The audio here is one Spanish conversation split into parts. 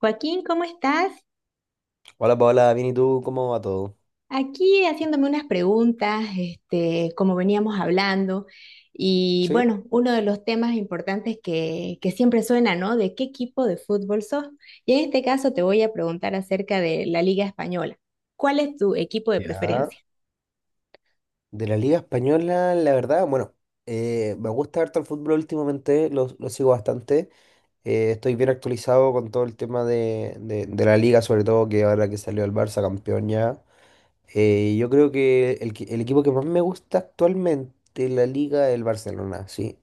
Joaquín, ¿cómo estás? Hola Paola, bien y tú, ¿cómo va todo? Aquí haciéndome unas preguntas, este, como veníamos hablando, y Sí, bueno, uno de los temas importantes que siempre suena, ¿no? De qué equipo de fútbol sos. Y en este caso te voy a preguntar acerca de la Liga Española. ¿Cuál es tu equipo de ya. preferencia? De la Liga Española, la verdad, bueno, me gusta harto el fútbol últimamente, lo sigo bastante. Estoy bien actualizado con todo el tema de la Liga, sobre todo que ahora que salió el Barça campeón ya. Yo creo que el equipo que más me gusta actualmente en la Liga es el Barcelona, sí.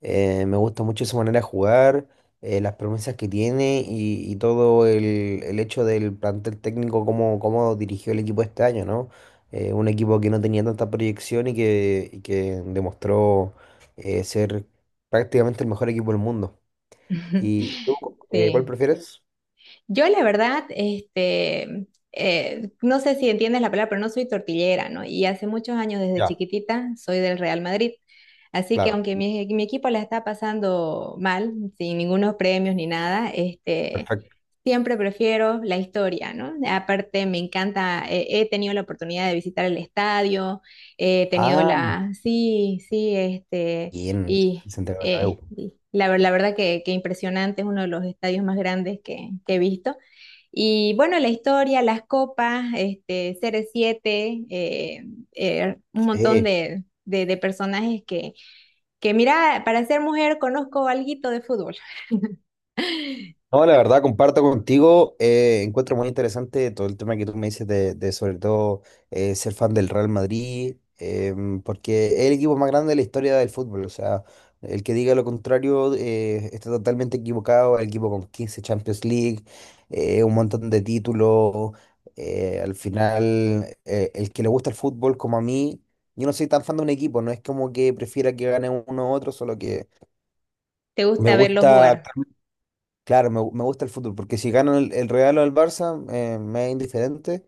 Me gusta mucho su manera de jugar, las promesas que tiene y todo el hecho del plantel técnico, cómo dirigió el equipo este año, ¿no? Un equipo que no tenía tanta proyección y que demostró ser prácticamente el mejor equipo del mundo. ¿Y tú, cuál Sí. prefieres? Yo la verdad, este, no sé si entiendes la palabra, pero no soy tortillera, ¿no? Y hace muchos años, desde Ya, chiquitita, soy del Real Madrid. Así que claro, aunque mi equipo la está pasando mal, sin ningunos premios ni nada, este, perfecto. siempre prefiero la historia, ¿no? Aparte, me encanta, he tenido la oportunidad de visitar el estadio, Ah, sí, sí, este, bien. y Santiago Bernabéu. y la verdad que, impresionante, es uno de los estadios más grandes que, he visto. Y bueno, la historia, las copas, este, CR7 un montón Sí. de personajes que, mira, para ser mujer conozco alguito de fútbol. No, la verdad, comparto contigo. Encuentro muy interesante todo el tema que tú me dices de sobre todo ser fan del Real Madrid, porque es el equipo más grande de la historia del fútbol. O sea, el que diga lo contrario está totalmente equivocado. El equipo con 15 Champions League, un montón de títulos. Al final, el que le gusta el fútbol, como a mí, yo no soy tan fan de un equipo. No es como que prefiera que gane uno u otro, solo que ¿Te me gusta verlos gusta. jugar? Claro, me gusta el fútbol, porque si gano el Real o el Barça, me es indiferente,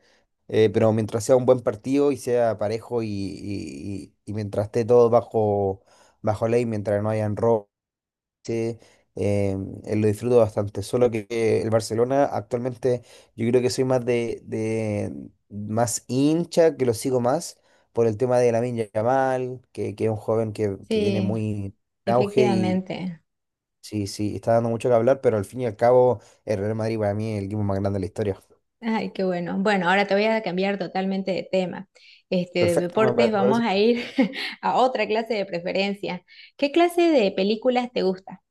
pero mientras sea un buen partido y sea parejo y mientras esté todo bajo, bajo ley, mientras no hayan roces, eh, eh, lo disfruto bastante. Solo que el Barcelona actualmente yo creo que soy más más hincha, que lo sigo más por el tema de Lamine Yamal, que es un joven que viene Sí, muy en auge. efectivamente. Sí, sí, está dando mucho que hablar, pero al fin y al cabo, el Real Madrid para mí es el equipo más grande de la historia. Ay, qué bueno. Bueno, ahora te voy a cambiar totalmente de tema. Este, de Perfecto, me deportes vamos parece. a ir a otra clase de preferencia. ¿Qué clase de películas te gusta?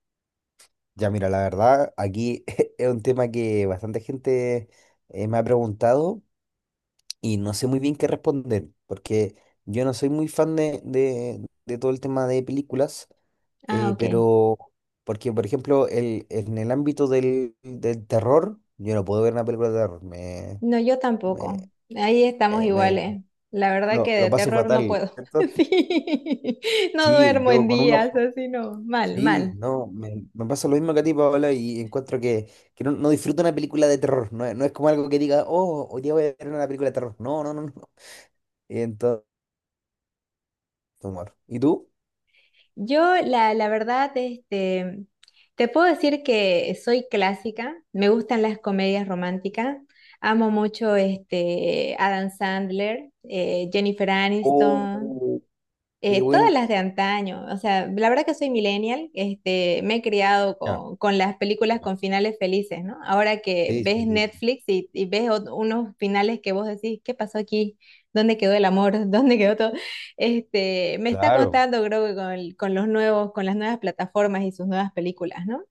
Ya, mira, la verdad, aquí es un tema que bastante gente me ha preguntado y no sé muy bien qué responder, porque yo no soy muy fan de todo el tema de películas, Ah, eh, ok. pero porque, por ejemplo, el, en el ámbito del terror, yo no puedo ver una película de terror, No, yo me, tampoco. Ahí estamos me- me- iguales. La verdad que lo de paso terror no fatal, puedo. ¿cierto? Sí. No Sí, duermo en yo con un días, ojo. así no. Mal, Sí, mal. no, me pasa lo mismo que a ti, Paola, y encuentro que no, no disfruto una película de terror. No, es no es como algo que diga, oh, hoy día voy a ver una película de terror. No, no, no, no. Entonces, humor. ¿Y tú? Yo, la verdad, este, te puedo decir que soy clásica, me gustan las comedias románticas, amo mucho este, Adam Sandler, Jennifer Aniston, Oh, qué todas buen. las de antaño, o sea, la verdad que soy millennial, este, me he criado Ya, con las películas claro. con finales felices, ¿no? Ahora que Sí, ves sí, sí, sí. Netflix y ves unos finales que vos decís, ¿qué pasó aquí? ¿Dónde quedó el amor? ¿Dónde quedó todo? Este, me está Claro. costando, creo que con los nuevos, con las nuevas plataformas y sus nuevas películas, ¿no?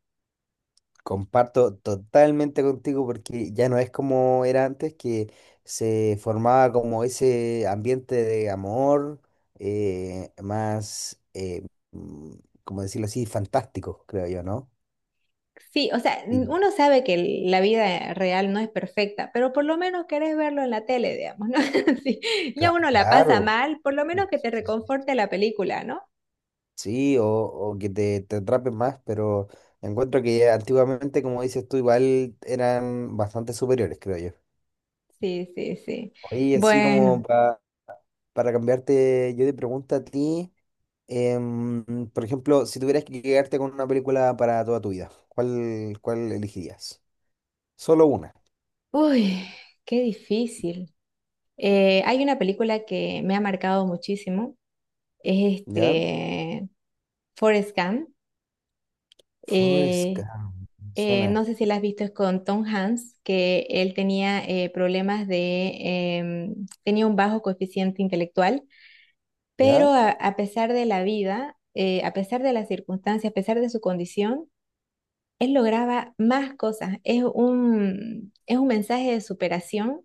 Comparto totalmente contigo porque ya no es como era antes, que se formaba como ese ambiente de amor eh, más, eh, mm, como decirlo así, fantástico, creo yo, ¿no? Sí, o sea, uno sabe que la vida real no es perfecta, pero por lo menos querés verlo en la tele, digamos, ¿no? Sí, ya uno la pasa Claro. mal, por lo Sí, menos que te sí, sí. reconforte la película, ¿no? Sí, o que te atrapen más, pero encuentro que antiguamente, como dices tú, igual eran bastante superiores, creo yo. Sí, sí, sí. Oye, así como Bueno, para cambiarte yo de pregunta a ti, por ejemplo, si tuvieras que quedarte con una película para toda tu vida, ¿ cuál elegirías? Solo una, uy, qué difícil. Hay una película que me ha marcado muchísimo, es ¿ya? este Forrest Gump. Forrest eh, Gump, suena, no sé si la has visto, es con Tom Hanks, que él tenía problemas de, tenía un bajo coeficiente intelectual, pero ¿ya? a pesar de la vida, a pesar de las circunstancias, a pesar de su condición, él lograba más cosas. Es un, mensaje de superación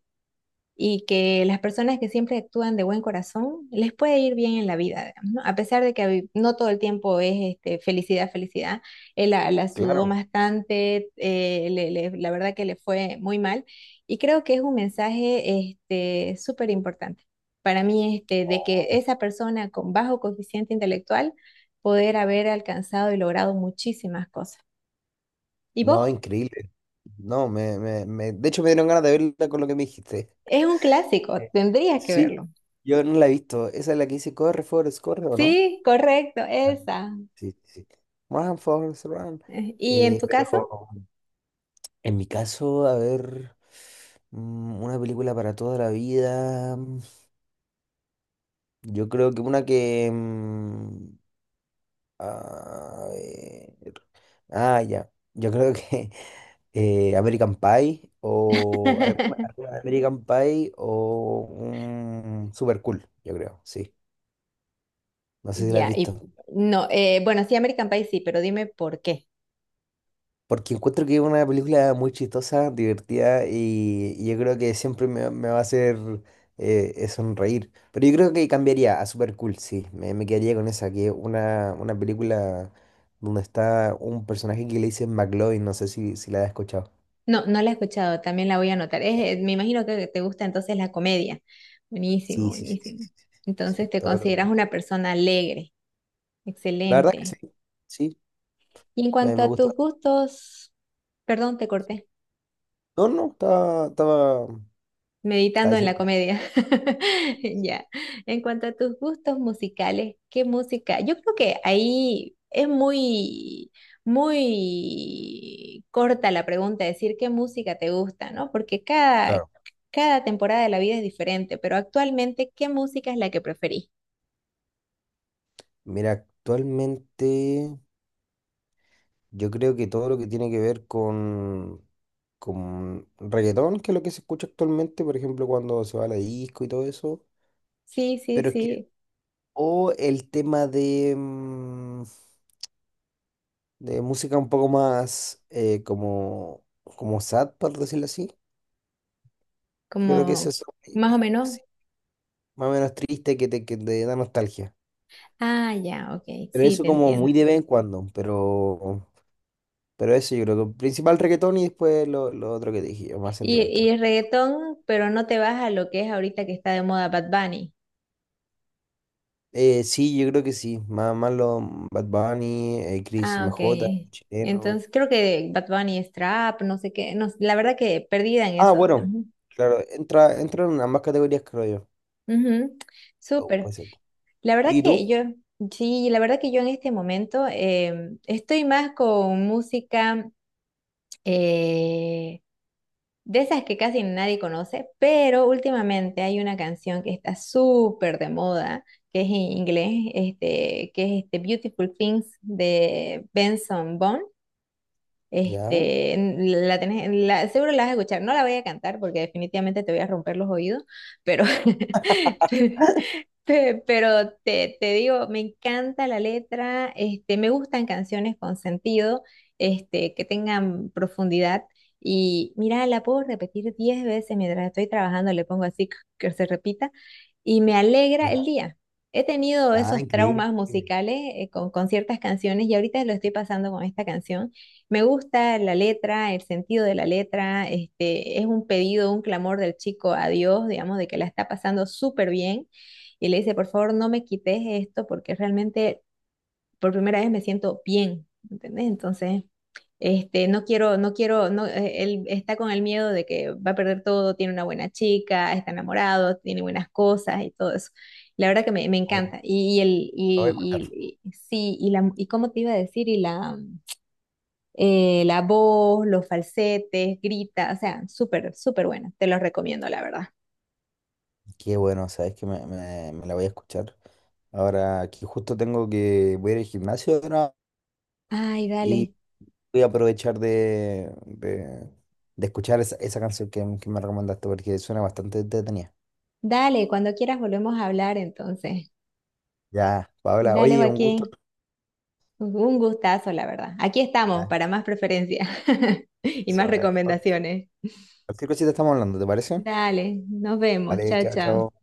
y que las personas que siempre actúan de buen corazón les puede ir bien en la vida, digamos, ¿no? A pesar de que no todo el tiempo es este, felicidad, felicidad. Él la sudó Claro. bastante, la verdad que le fue muy mal y creo que es un mensaje este, súper importante para mí este, de que esa persona con bajo coeficiente intelectual poder haber alcanzado y logrado muchísimas cosas. ¿Y No, vos? increíble. No, de hecho me dieron ganas de verla con lo que me dijiste. Es un clásico, Eh, tendrías que Sí, verlo. yo no la he visto. Esa es la que dice corre, Forrest, corre, ¿o no? Sí, correcto, Ah. esa. Sí, sí. Run, Forrest, run. ¿Y en Eh, tu pero caso? en mi caso, a ver, una película para toda la vida. Yo creo que una que... a ver, ah, ya. Yo creo que American Pie o alguna, alguna de American Pie o un Super Cool, yo creo, sí. No sé si la has Ya, visto. y no, bueno, sí, American Pie sí, pero dime por qué. Porque encuentro que es una película muy chistosa, divertida y yo creo que siempre me va a hacer sonreír. Pero yo creo que cambiaría a Super Cool, sí. Me quedaría con esa, que es una película donde está un personaje que le dicen McLovin, no sé si, si la has escuchado. No, no la he escuchado, también la voy a anotar. Es, me imagino que te gusta entonces la comedia. Buenísimo, Sí, sí, sí, sí, buenísimo. sí, sí, Entonces sí, te todo lo consideras que... una persona alegre. La verdad es Excelente. que sí, sí, Y en cuanto me a gusta. tus gustos, perdón, te corté. No, no, estaba Meditando en diciendo. la comedia. Ya. En cuanto a tus gustos musicales, ¿qué música? Yo creo que ahí es muy, muy corta la pregunta, decir qué música te gusta, ¿no? Porque cada, Claro. cada temporada de la vida es diferente, pero actualmente, ¿qué música es la que preferís? Mira, actualmente yo creo que todo lo que tiene que ver con reggaetón, que es lo que se escucha actualmente, por ejemplo, cuando se va a la disco y todo eso, Sí, sí, pero es que, sí. o el tema de música un poco más como, como sad, por decirlo así, yo creo que eso Como es más o menos. sí, más o menos triste que te da nostalgia. Ah, ya, ok. Pero Sí, eso te como entiendo. muy de vez en cuando, pero... Pero eso yo creo que principal reggaetón y después lo otro que te dije yo, más Y, sentimental. y reggaetón, pero no te vas a lo que es ahorita que está de moda Bad Bunny. Sí, yo creo que sí. Más, más los Bad Bunny, Cris Ah, ok. MJ, chileno. Entonces creo que Bad Bunny es trap, no sé qué. No, la verdad que perdida en Ah, eso. bueno, Ujú. claro, entra en ambas categorías, creo yo. Ujú. Oh, Súper. puede ser. La verdad ¿Y que tú? yo, sí, la verdad que yo en este momento estoy más con música eh, de esas que casi nadie conoce, pero últimamente hay una canción que está súper de moda, que es en inglés, este, que es este Beautiful Things de Benson Boone. Ya, Este, la tenés, seguro la vas a escuchar. No la voy a cantar porque definitivamente te voy a romper los oídos, pero, Pero te digo, me encanta la letra, este, me gustan canciones con sentido, este, que tengan profundidad. Y mira, la puedo repetir 10 veces mientras estoy trabajando, le pongo así que se repita, y me alegra el ya. día. He tenido Ah, esos increíble. traumas musicales con ciertas canciones y ahorita lo estoy pasando con esta canción. Me gusta la letra, el sentido de la letra, este, es un pedido, un clamor del chico a Dios, digamos, de que la está pasando súper bien y le dice, por favor, no me quites esto porque realmente por primera vez me siento bien, ¿entendés? Entonces, este, no quiero, no quiero, no, él está con el miedo de que va a perder todo, tiene una buena chica, está enamorado, tiene buenas cosas y todo eso. La verdad que me Oh, lo encanta. Y el, voy a escuchar. Sí, y la, y cómo te iba a decir, y la, la voz, los falsetes, grita, o sea, súper, súper buena. Te los recomiendo, la verdad. Qué bueno, sabes que me la voy a escuchar. Ahora, aquí justo tengo que voy a ir al gimnasio ahora. Ay, dale, Voy a aprovechar de escuchar esa, esa canción que me recomendaste porque suena bastante entretenida. dale, cuando quieras volvemos a hablar entonces. Ya, Paola, Dale, oye, un gusto. Joaquín. Un gustazo, la verdad. Aquí estamos Ah, para más preferencia y eso, más recomendaciones. cualquier cosita estamos hablando, ¿te parece? Dale, nos vemos. Vale, Chao, chao, chao. chao.